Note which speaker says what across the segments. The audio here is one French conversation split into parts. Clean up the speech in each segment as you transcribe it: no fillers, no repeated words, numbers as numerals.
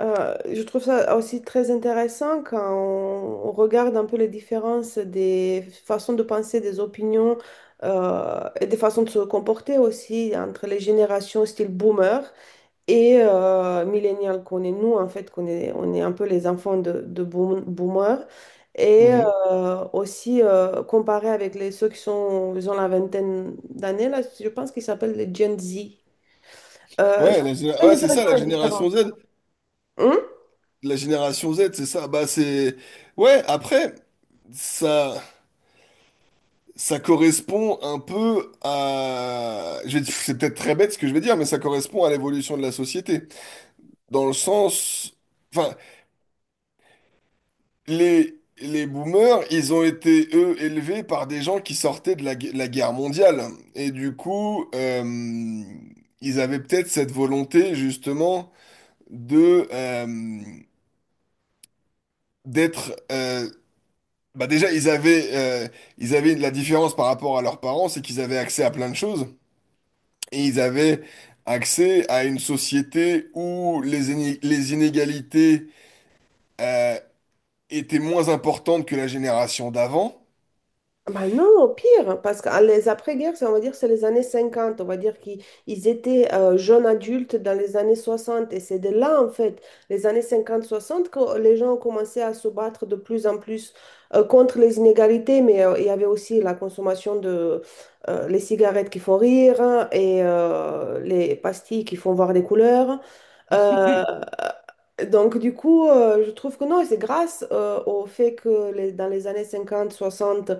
Speaker 1: Je trouve ça aussi très intéressant quand on regarde un peu les différences des façons de penser, des opinions et des façons de se comporter aussi entre les générations style boomer et millennial qu'on est nous en fait, on est un peu les enfants de boomer et
Speaker 2: Mhm.
Speaker 1: aussi comparé avec ceux qui sont, ils ont la vingtaine d'années là, je pense qu'ils s'appellent les Gen Z. Je
Speaker 2: Ouais,
Speaker 1: trouve très
Speaker 2: ouais, c'est ça,
Speaker 1: intéressant
Speaker 2: la
Speaker 1: les
Speaker 2: génération
Speaker 1: différences.
Speaker 2: Z.
Speaker 1: Hum?
Speaker 2: La génération Z, c'est ça. Bah, c'est... Ouais, après, ça, ça correspond un peu à... C'est peut-être très bête ce que je vais dire, mais ça correspond à l'évolution de la société. Dans le sens... Enfin, les boomers, ils ont été, eux, élevés par des gens qui sortaient de la guerre mondiale. Et du coup, ils avaient peut-être cette volonté, justement, de... euh, d'être bah déjà, ils avaient la différence par rapport à leurs parents, c'est qu'ils avaient accès à plein de choses et ils avaient accès à une société où les inégalités euh, étaient moins importantes que la génération d'avant.
Speaker 1: Bah non, au pire, parce que ah, les après-guerres, on va dire, c'est les années 50. On va dire qu'ils ils étaient jeunes adultes dans les années 60, et c'est de là, en fait, les années 50-60, que les gens ont commencé à se battre de plus en plus contre les inégalités. Mais il y avait aussi la consommation de les cigarettes qui font rire, hein, et les pastilles qui font voir des couleurs. euh, euh, Donc, du coup, je trouve que non, et c'est grâce au fait que dans les années 50, 60,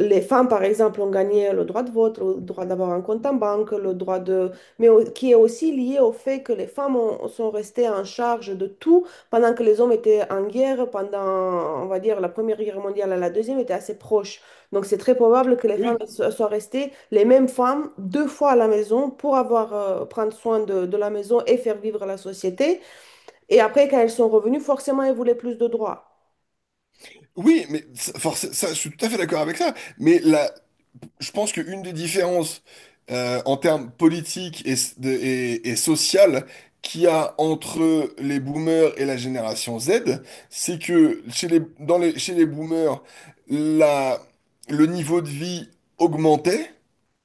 Speaker 1: les femmes, par exemple, ont gagné le droit de vote, le droit d'avoir un compte en banque, le droit de... Mais qui est aussi lié au fait que les femmes sont restées en charge de tout pendant que les hommes étaient en guerre, pendant, on va dire, la Première Guerre mondiale à la Deuxième était assez proche. Donc, c'est très probable que les femmes
Speaker 2: Oui.
Speaker 1: soient restées les mêmes femmes deux fois à la maison pour avoir, prendre soin de la maison et faire vivre la société. Et après, quand elles sont revenues, forcément, elles voulaient plus de droits.
Speaker 2: Oui, mais ça, ça, je suis tout à fait d'accord avec ça. Mais là, je pense qu'une des différences en termes politiques et sociales qu'il y a entre les boomers et la génération Z, c'est que chez les boomers, la, le niveau de vie augmentait.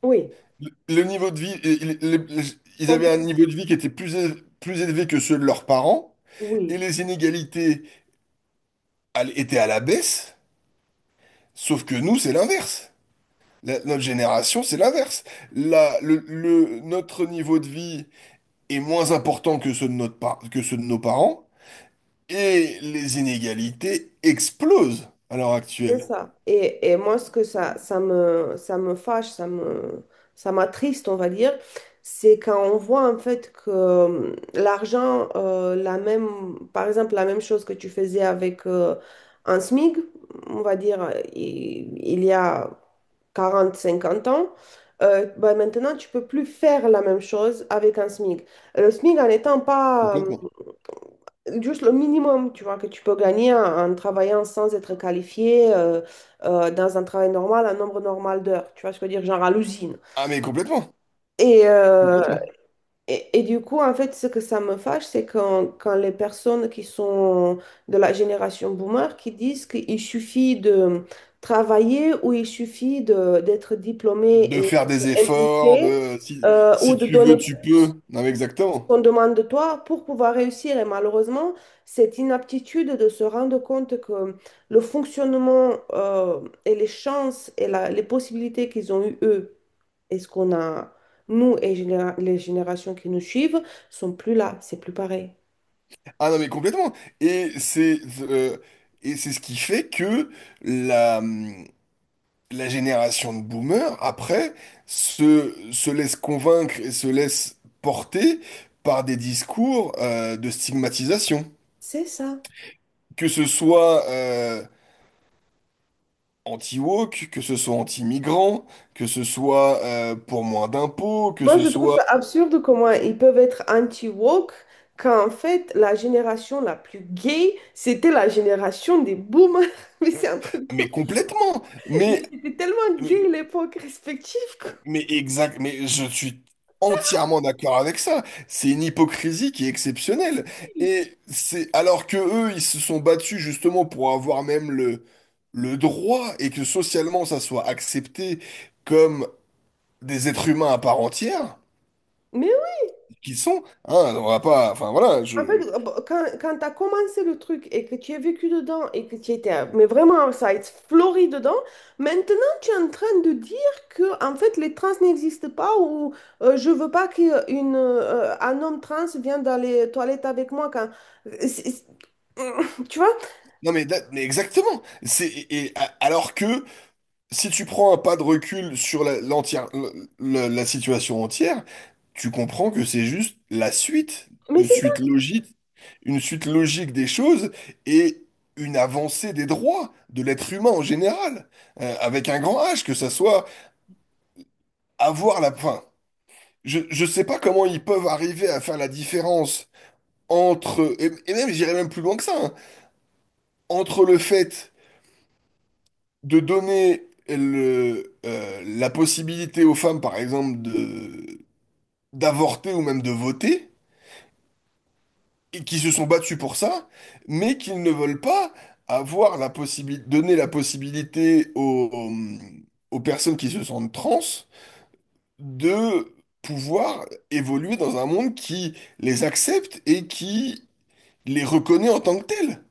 Speaker 1: Oui,
Speaker 2: Le niveau de vie, ils avaient un
Speaker 1: complètement.
Speaker 2: niveau de vie qui était plus élevé que ceux de leurs parents, et
Speaker 1: Oui,
Speaker 2: les inégalités elles étaient à la baisse, sauf que nous, c'est l'inverse. Notre génération, c'est l'inverse. Notre niveau de vie est moins important que ceux de que ceux de nos parents, et les inégalités explosent à l'heure
Speaker 1: c'est
Speaker 2: actuelle.
Speaker 1: ça. Et moi, ce que ça me fâche, ça m'attriste, on va dire, c'est quand on voit en fait que l'argent, la même, par exemple, la même chose que tu faisais avec un SMIC, on va dire, il y a 40 50 ans, bah, maintenant, tu peux plus faire la même chose avec un SMIC. Le SMIC, en n'étant pas
Speaker 2: Complètement.
Speaker 1: juste le minimum, tu vois, que tu peux gagner en travaillant sans être qualifié dans un travail normal, un nombre normal d'heures, tu vois ce que je veux dire, genre à l'usine.
Speaker 2: Ah mais complètement,
Speaker 1: Et, euh,
Speaker 2: complètement.
Speaker 1: et du coup, en fait, ce que ça me fâche, c'est quand les personnes qui sont de la génération boomer qui disent qu'il suffit de travailler, ou il suffit d'être diplômé
Speaker 2: De
Speaker 1: et
Speaker 2: faire des efforts,
Speaker 1: impliqué
Speaker 2: de si,
Speaker 1: ou
Speaker 2: si
Speaker 1: de
Speaker 2: tu veux,
Speaker 1: donner
Speaker 2: tu
Speaker 1: plus
Speaker 2: peux. Non mais
Speaker 1: ce
Speaker 2: exactement.
Speaker 1: qu'on demande de toi pour pouvoir réussir. Et malheureusement, cette inaptitude de se rendre compte que le fonctionnement et les chances et les possibilités qu'ils ont eues, eux, est-ce qu'on a, nous et les générations qui nous suivent, sont plus là, c'est plus pareil.
Speaker 2: Ah non mais complètement. Et c'est c'est ce qui fait que la hum, la génération de boomers, après, se laisse convaincre et se laisse porter par des discours de stigmatisation.
Speaker 1: C'est ça.
Speaker 2: Que ce soit anti-woke, que ce soit anti-migrant, que ce soit pour moins d'impôts, que
Speaker 1: Moi,
Speaker 2: ce
Speaker 1: je trouve
Speaker 2: soit...
Speaker 1: ça absurde comment ils peuvent être anti-woke quand en fait, la génération la plus gay, c'était la génération des boomers. Mais c'est un truc.
Speaker 2: Mais complètement!
Speaker 1: Mais c'était tellement
Speaker 2: Mais
Speaker 1: gay l'époque respective, quoi.
Speaker 2: Mais exact, mais je suis entièrement d'accord avec ça. C'est une hypocrisie qui est exceptionnelle. Et c'est alors que eux, ils se sont battus justement pour avoir même le droit et que socialement ça soit accepté comme des êtres humains à part entière,
Speaker 1: Mais
Speaker 2: qu'ils sont. Hein, on va pas, enfin voilà,
Speaker 1: en fait,
Speaker 2: je.
Speaker 1: bah, quand tu as commencé le truc et que tu as vécu dedans et que tu étais mais vraiment ça a été fleuri dedans, maintenant tu es en train de dire que en fait les trans n'existent pas, ou je veux pas qu'un un homme trans vienne dans les toilettes avec moi quand euh, c'est- c'est- tu vois?
Speaker 2: Non mais, mais exactement. C'est alors que si tu prends un pas de recul sur la, l'entière, le- la situation entière, tu comprends que c'est juste la suite,
Speaker 1: Mais
Speaker 2: une
Speaker 1: c'est...
Speaker 2: suite logique, une suite logique des choses et une avancée des droits de l'être humain en général, avec un grand H, que ça soit avoir la... fin, je sais pas comment ils peuvent arriver à faire la différence entre, et même j'irais même plus loin que ça, hein, entre le fait de donner la possibilité aux femmes, par exemple, de d'avorter ou même de voter, et qui se sont battus pour ça, mais qu'ils ne veulent pas avoir la possibilité, donner la possibilité aux, aux personnes qui se sentent trans de pouvoir évoluer dans un monde qui les accepte et qui les reconnaît en tant que tels.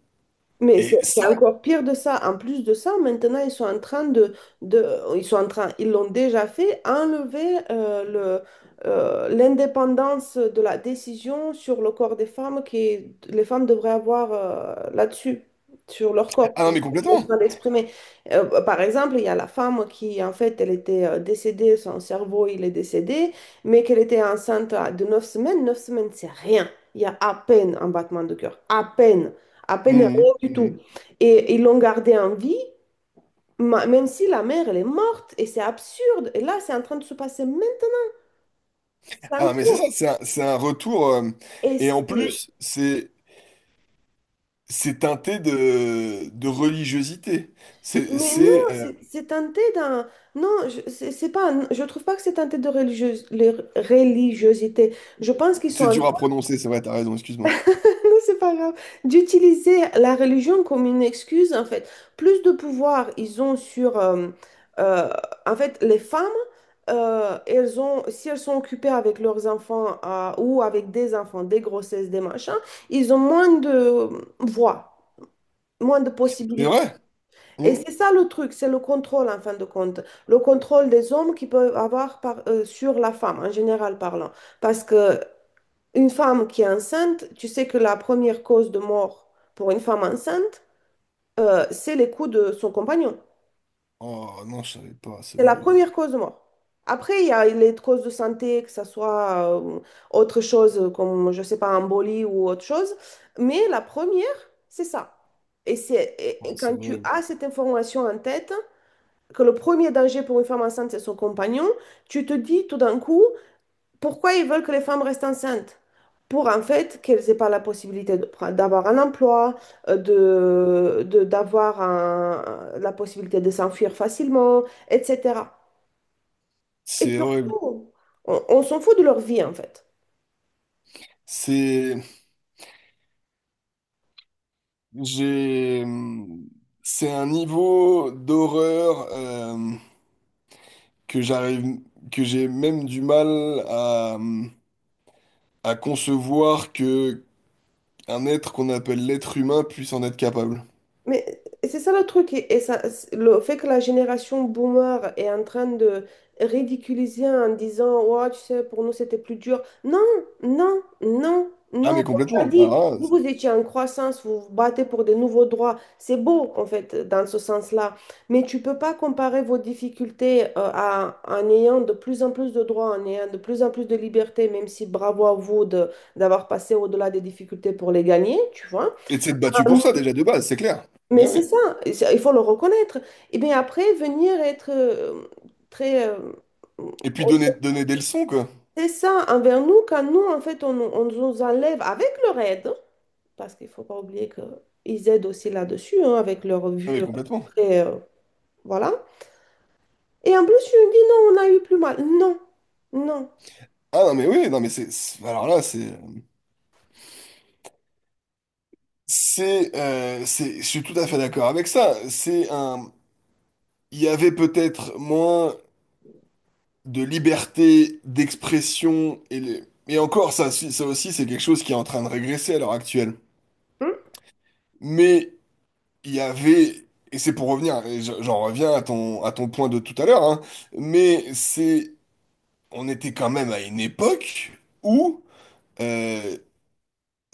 Speaker 1: Mais c'est
Speaker 2: Et
Speaker 1: c'est
Speaker 2: ça,
Speaker 1: encore pire de ça. En plus de ça, maintenant, de ils sont en train, ils l'ont déjà fait, enlever l'indépendance de la décision sur le corps des femmes que les femmes devraient avoir là-dessus, sur leur corps.
Speaker 2: ah non
Speaker 1: Je
Speaker 2: mais
Speaker 1: je me suis
Speaker 2: complètement.
Speaker 1: mal exprimée. Par exemple, il y a la femme qui, en fait, elle était décédée, son cerveau, il est décédé, mais qu'elle était enceinte de 9 semaines. Neuf semaines, c'est rien. Il y a à peine un battement de cœur, à peine rien
Speaker 2: Mhm,
Speaker 1: du tout.
Speaker 2: mhm.
Speaker 1: Et ils l'ont gardé en vie, même si la mère, elle est morte, et c'est absurde. Et là, c'est en train de se passer, même, c'est en
Speaker 2: Ah mais c'est ça,
Speaker 1: cours.
Speaker 2: c'est un retour. euh,
Speaker 1: Et
Speaker 2: et en
Speaker 1: c'est...
Speaker 2: plus, c'est teinté de religiosité. C'est
Speaker 1: Mais non,
Speaker 2: c'est, euh,
Speaker 1: c'est teinté d'un... Non, c'est pas... Je trouve pas que c'est teinté de religieuse, les religiosité. Je pense qu'ils sont
Speaker 2: C'est
Speaker 1: en...
Speaker 2: dur à prononcer, c'est vrai, t'as raison, excuse-moi.
Speaker 1: C'est pas grave. D'utiliser la religion comme une excuse, en fait. Plus de pouvoir ils ont sur... euh, en fait, les femmes, elles ont, si elles sont occupées avec leurs enfants ou avec des enfants, des grossesses, des machins, ils ont moins de voix, moins de
Speaker 2: C'est
Speaker 1: possibilités.
Speaker 2: vrai?
Speaker 1: Et
Speaker 2: Hmm.
Speaker 1: c'est ça le truc, c'est le contrôle, en fin de compte. Le contrôle des hommes qu'ils peuvent avoir sur la femme, en général parlant. Parce que une femme qui est enceinte, tu sais que la première cause de mort pour une femme enceinte, c'est les coups de son compagnon.
Speaker 2: Oh non, je savais pas, c'est
Speaker 1: C'est la
Speaker 2: horrible.
Speaker 1: première cause de mort. Après, il y a les causes de santé, que ce soit autre chose comme, je sais pas, embolie ou autre chose. Mais la première, c'est ça. Et c'est et-
Speaker 2: Ah,
Speaker 1: et
Speaker 2: c'est
Speaker 1: quand tu
Speaker 2: horrible.
Speaker 1: as cette information en tête, que le premier danger pour une femme enceinte, c'est son compagnon, tu te dis tout d'un coup, pourquoi ils veulent que les femmes restent enceintes? Pour en fait qu'elles aient pas la possibilité d'avoir un emploi, d'avoir la possibilité de s'enfuir facilement, etc. Et
Speaker 2: C'est horrible.
Speaker 1: surtout, on s'en fout de leur vie en fait.
Speaker 2: C'est. J'ai. C'est un niveau d'horreur que j'arrive. Que j'ai même du mal à concevoir que un être qu'on appelle l'être humain puisse en être capable.
Speaker 1: Mais c'est ça le truc, et ça, le fait que la génération boomer est en train de ridiculiser en disant, ouais, tu sais, pour nous c'était plus dur. Non, non, non,
Speaker 2: Ah,
Speaker 1: non.
Speaker 2: mais
Speaker 1: Comme tu as
Speaker 2: complètement.
Speaker 1: dit, vous, vous étiez en croissance, vous vous battez pour des nouveaux droits. C'est beau, en fait, dans ce sens-là. Mais tu peux pas comparer vos difficultés à, en ayant de plus en plus de droits, en ayant de plus en plus de libertés, même si bravo à vous d'avoir passé au-delà des difficultés pour les gagner, tu vois.
Speaker 2: Et de s'être battu pour ça déjà de base, c'est clair.
Speaker 1: Mais
Speaker 2: Mais
Speaker 1: c'est
Speaker 2: oui.
Speaker 1: ça, et il faut le reconnaître. Et bien après, venir être très... euh,
Speaker 2: Et puis donner des leçons, quoi.
Speaker 1: c'est ça envers nous quand nous, en fait, on nous enlève avec leur aide, parce qu'il ne faut pas oublier qu'ils aident aussi là-dessus, hein, avec leur
Speaker 2: Ah,
Speaker 1: vue
Speaker 2: mais complètement.
Speaker 1: très... euh, voilà. Et en plus, tu me dis, non, on a eu plus mal. Non, non.
Speaker 2: Ah non mais oui, non mais alors là c'est je suis tout à fait d'accord avec ça. C'est un Il y avait peut-être moins de liberté d'expression et encore ça aussi c'est quelque chose qui est en train de régresser à l'heure actuelle.
Speaker 1: Hum.
Speaker 2: Mais il y avait Et c'est pour revenir et j'en reviens à ton point de tout à l'heure hein, mais c'est on était quand même à une époque où euh,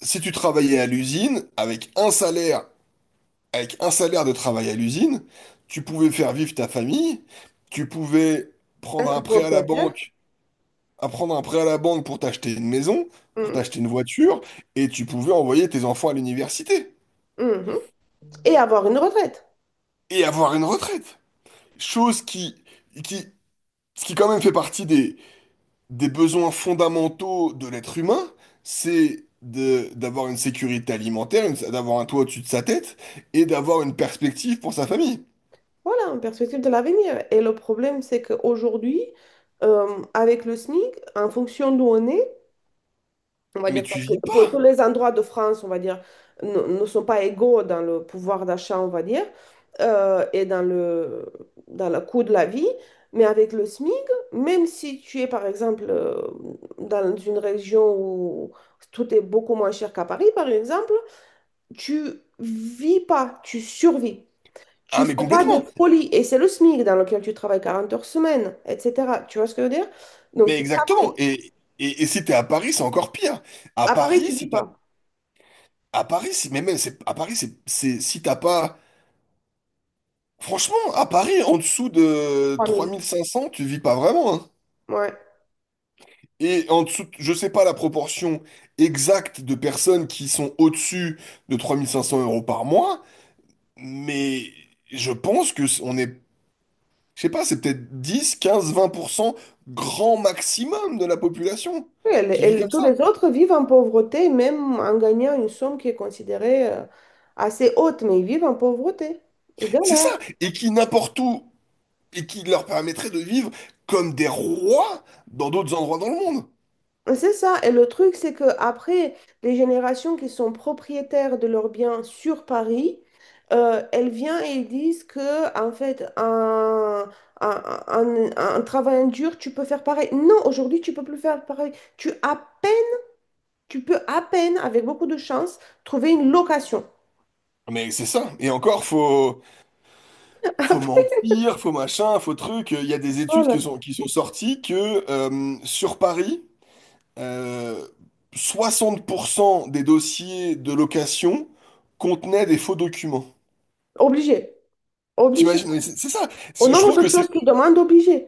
Speaker 2: si tu travaillais à l'usine avec un salaire de travail à l'usine, tu pouvais faire vivre ta famille, tu pouvais prendre
Speaker 1: Être
Speaker 2: un prêt à la
Speaker 1: propriétaire.
Speaker 2: banque, à prendre un prêt à la banque pour t'acheter une maison, pour
Speaker 1: Hum,
Speaker 2: t'acheter une voiture, et tu pouvais envoyer tes enfants à l'université
Speaker 1: hum. Et avoir une retraite.
Speaker 2: et avoir une retraite. Chose qui, ce qui quand même fait partie des besoins fondamentaux de l'être humain, c'est d'avoir une sécurité alimentaire, d'avoir un toit au-dessus de sa tête et d'avoir une perspective pour sa famille.
Speaker 1: Voilà, en perspective de l'avenir. Et le problème, c'est qu'aujourd'hui, euh, avec le SMIC, en fonction d'où on est, on va
Speaker 2: Mais
Speaker 1: dire,
Speaker 2: tu
Speaker 1: parce que
Speaker 2: vis
Speaker 1: pour tous
Speaker 2: pas,
Speaker 1: les endroits de France, on va dire, ne sont pas égaux dans le pouvoir d'achat, on va dire, et dans le coût de la vie. Mais avec le SMIC, même si tu es, par exemple, dans une région où tout est beaucoup moins cher qu'à Paris, par exemple, tu vis pas, tu survis.
Speaker 2: ah
Speaker 1: Tu
Speaker 2: mais
Speaker 1: fais pas de
Speaker 2: complètement.
Speaker 1: folie et c'est le SMIC dans lequel tu travailles 40 heures semaine, etc. Tu vois ce que je veux dire? Donc
Speaker 2: Mais
Speaker 1: tu
Speaker 2: exactement.
Speaker 1: travailles.
Speaker 2: Et si t'es à Paris, c'est encore pire. À
Speaker 1: À Paris,
Speaker 2: Paris,
Speaker 1: tu
Speaker 2: si
Speaker 1: vis
Speaker 2: t'as,
Speaker 1: pas.
Speaker 2: à Paris, si, mais même, c'est, à Paris, c'est, si t'as pas, franchement, à Paris, en dessous de trois
Speaker 1: 3 000.
Speaker 2: mille cinq cents, tu vis pas vraiment, hein.
Speaker 1: Ouais.
Speaker 2: Et en dessous, je sais pas la proportion exacte de personnes qui sont au-dessus de 3 500 € par mois, mais je pense que on est, je sais pas, c'est peut-être dix, quinze, vingt pour cent, grand maximum de la population
Speaker 1: Oui, et,
Speaker 2: qui vit comme
Speaker 1: tous
Speaker 2: ça.
Speaker 1: les autres vivent en pauvreté, même en gagnant une somme qui est considérée assez haute, mais ils vivent en pauvreté. Ils
Speaker 2: C'est
Speaker 1: galèrent.
Speaker 2: ça, et qui n'importe où et qui leur permettrait de vivre comme des rois dans d'autres endroits dans le monde.
Speaker 1: C'est ça. Et le truc, c'est que après, les générations qui sont propriétaires de leurs biens sur Paris, elles viennent et elles disent que, en fait, un travail dur, tu peux faire pareil. Non, aujourd'hui, tu peux plus faire pareil. Tu à peine, Tu peux à peine, avec beaucoup de chance, trouver une location.
Speaker 2: Mais c'est ça. Et encore, faut, faut
Speaker 1: Après,
Speaker 2: mentir, faut machin, faut truc. Il y a des études
Speaker 1: voilà.
Speaker 2: qui sont sorties que sur Paris, euh, 60 % des dossiers de location contenaient des faux documents.
Speaker 1: Obligé. Obligé.
Speaker 2: T'imagines, mais c'est ça.
Speaker 1: Au
Speaker 2: C'est... Je trouve
Speaker 1: nombre de
Speaker 2: que c'est...
Speaker 1: choses qu'ils demandent, obligé.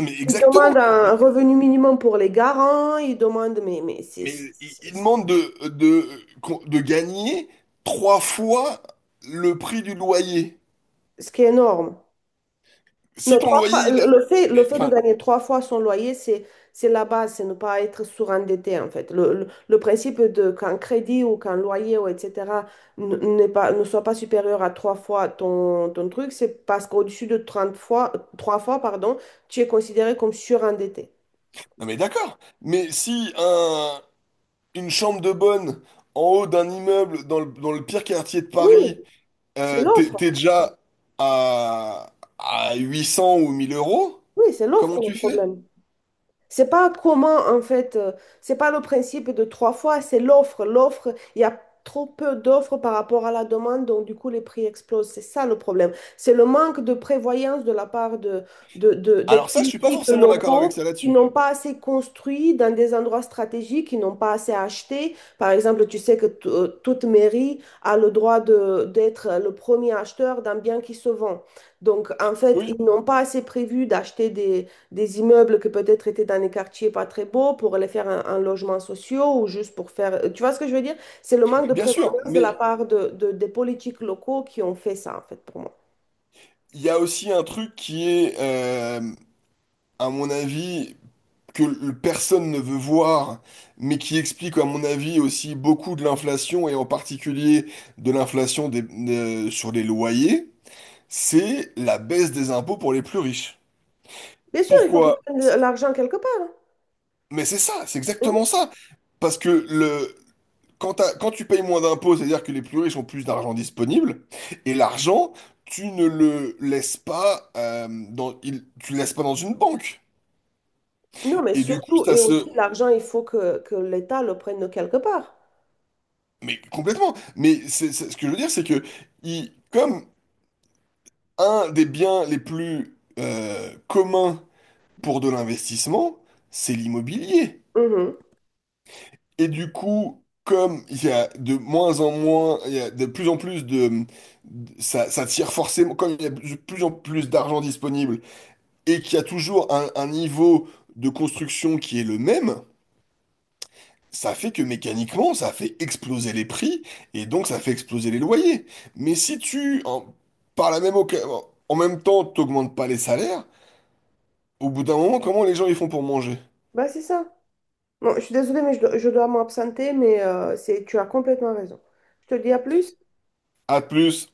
Speaker 2: Mais
Speaker 1: Ils demandent
Speaker 2: exactement.
Speaker 1: un revenu minimum pour les garants, ils demandent, mais, mais c'est
Speaker 2: Mais
Speaker 1: c'est-
Speaker 2: ils
Speaker 1: c'est-
Speaker 2: demandent de gagner trois fois le prix du loyer.
Speaker 1: ce qui est énorme.
Speaker 2: Si
Speaker 1: Non,
Speaker 2: ton
Speaker 1: trois
Speaker 2: loyer,
Speaker 1: fois,
Speaker 2: il
Speaker 1: le
Speaker 2: a-
Speaker 1: le fait, le
Speaker 2: Mais,
Speaker 1: fait de
Speaker 2: enfin,
Speaker 1: gagner trois fois son loyer, c'est la base, c'est ne pas être surendetté en fait. Le principe de qu'un crédit ou qu'un loyer ou etc. N'est pas, ne soit pas supérieur à trois fois ton truc, c'est parce qu'au-dessus de 30 fois, trois fois, pardon, tu es considéré comme surendetté.
Speaker 2: non mais d'accord, mais si un, une chambre de bonne en haut d'un immeuble dans le pire quartier de
Speaker 1: Oui,
Speaker 2: Paris,
Speaker 1: c'est l'offre.
Speaker 2: t'es déjà à, à 800 ou 1000 euros,
Speaker 1: Oui, c'est
Speaker 2: comment
Speaker 1: l'offre le
Speaker 2: tu fais?
Speaker 1: problème. C'est pas comment, en fait, c'est pas le principe de trois fois, c'est l'offre. L'offre, il y a trop peu d'offres par rapport à la demande, donc du coup, les prix explosent. C'est ça le problème. C'est le manque de prévoyance de la part des
Speaker 2: Alors ça, je suis pas
Speaker 1: politiques
Speaker 2: forcément d'accord avec
Speaker 1: locaux
Speaker 2: ça
Speaker 1: qui
Speaker 2: là-dessus.
Speaker 1: n'ont pas assez construit dans des endroits stratégiques, qui n'ont pas assez acheté. Par exemple, tu sais que toute mairie a le droit d'être le premier acheteur d'un bien qui se vend. Donc, en fait,
Speaker 2: Oui,
Speaker 1: ils n'ont pas assez prévu d'acheter des immeubles que peut-être étaient dans des quartiers pas très beaux pour les faire un logement social ou juste pour faire... Tu vois ce que je veux dire? C'est le manque de
Speaker 2: bien sûr,
Speaker 1: prévoyance de
Speaker 2: mais
Speaker 1: la part des politiques locaux qui ont fait ça, en fait, pour moi.
Speaker 2: il y a aussi un truc à mon avis, personne ne veut voir, mais qui explique, à mon avis, aussi beaucoup de l'inflation, et en particulier de l'inflation des- sur les loyers, c'est la baisse des impôts pour les plus riches.
Speaker 1: Bien sûr, il faut
Speaker 2: Pourquoi?
Speaker 1: qu'ils prennent de l'argent quelque part.
Speaker 2: Mais c'est ça, c'est
Speaker 1: Hein. Mhm.
Speaker 2: exactement ça. Parce que quand tu payes moins d'impôts, c'est-à-dire que les plus riches ont plus d'argent disponible, et l'argent, tu ne le laisses pas, tu le laisses pas dans une banque.
Speaker 1: Non, mais
Speaker 2: Et du coup,
Speaker 1: surtout,
Speaker 2: ça
Speaker 1: et aussi
Speaker 2: se,
Speaker 1: l'argent, il faut que l'État le prenne de quelque part.
Speaker 2: mais complètement. Mais ce que je veux dire, c'est que comme un des biens les plus communs pour de l'investissement, c'est l'immobilier.
Speaker 1: Mhm.
Speaker 2: Et du coup, comme il y a de moins en moins, il y a de plus en plus ça, ça tire forcément, comme il y a de plus en plus d'argent disponible et qu'il y a toujours un niveau de construction qui est le même. Ça fait que mécaniquement, ça fait exploser les prix et donc ça fait exploser les loyers. Mais si tu, en, par la même oca- en même temps, t'augmentes pas les salaires, au bout d'un moment, comment les gens ils font pour manger?
Speaker 1: Bah, c'est ça. Bon, je suis désolée, mais je dois m'absenter, mais c'est, tu as complètement raison. Je te dis à plus.
Speaker 2: À plus.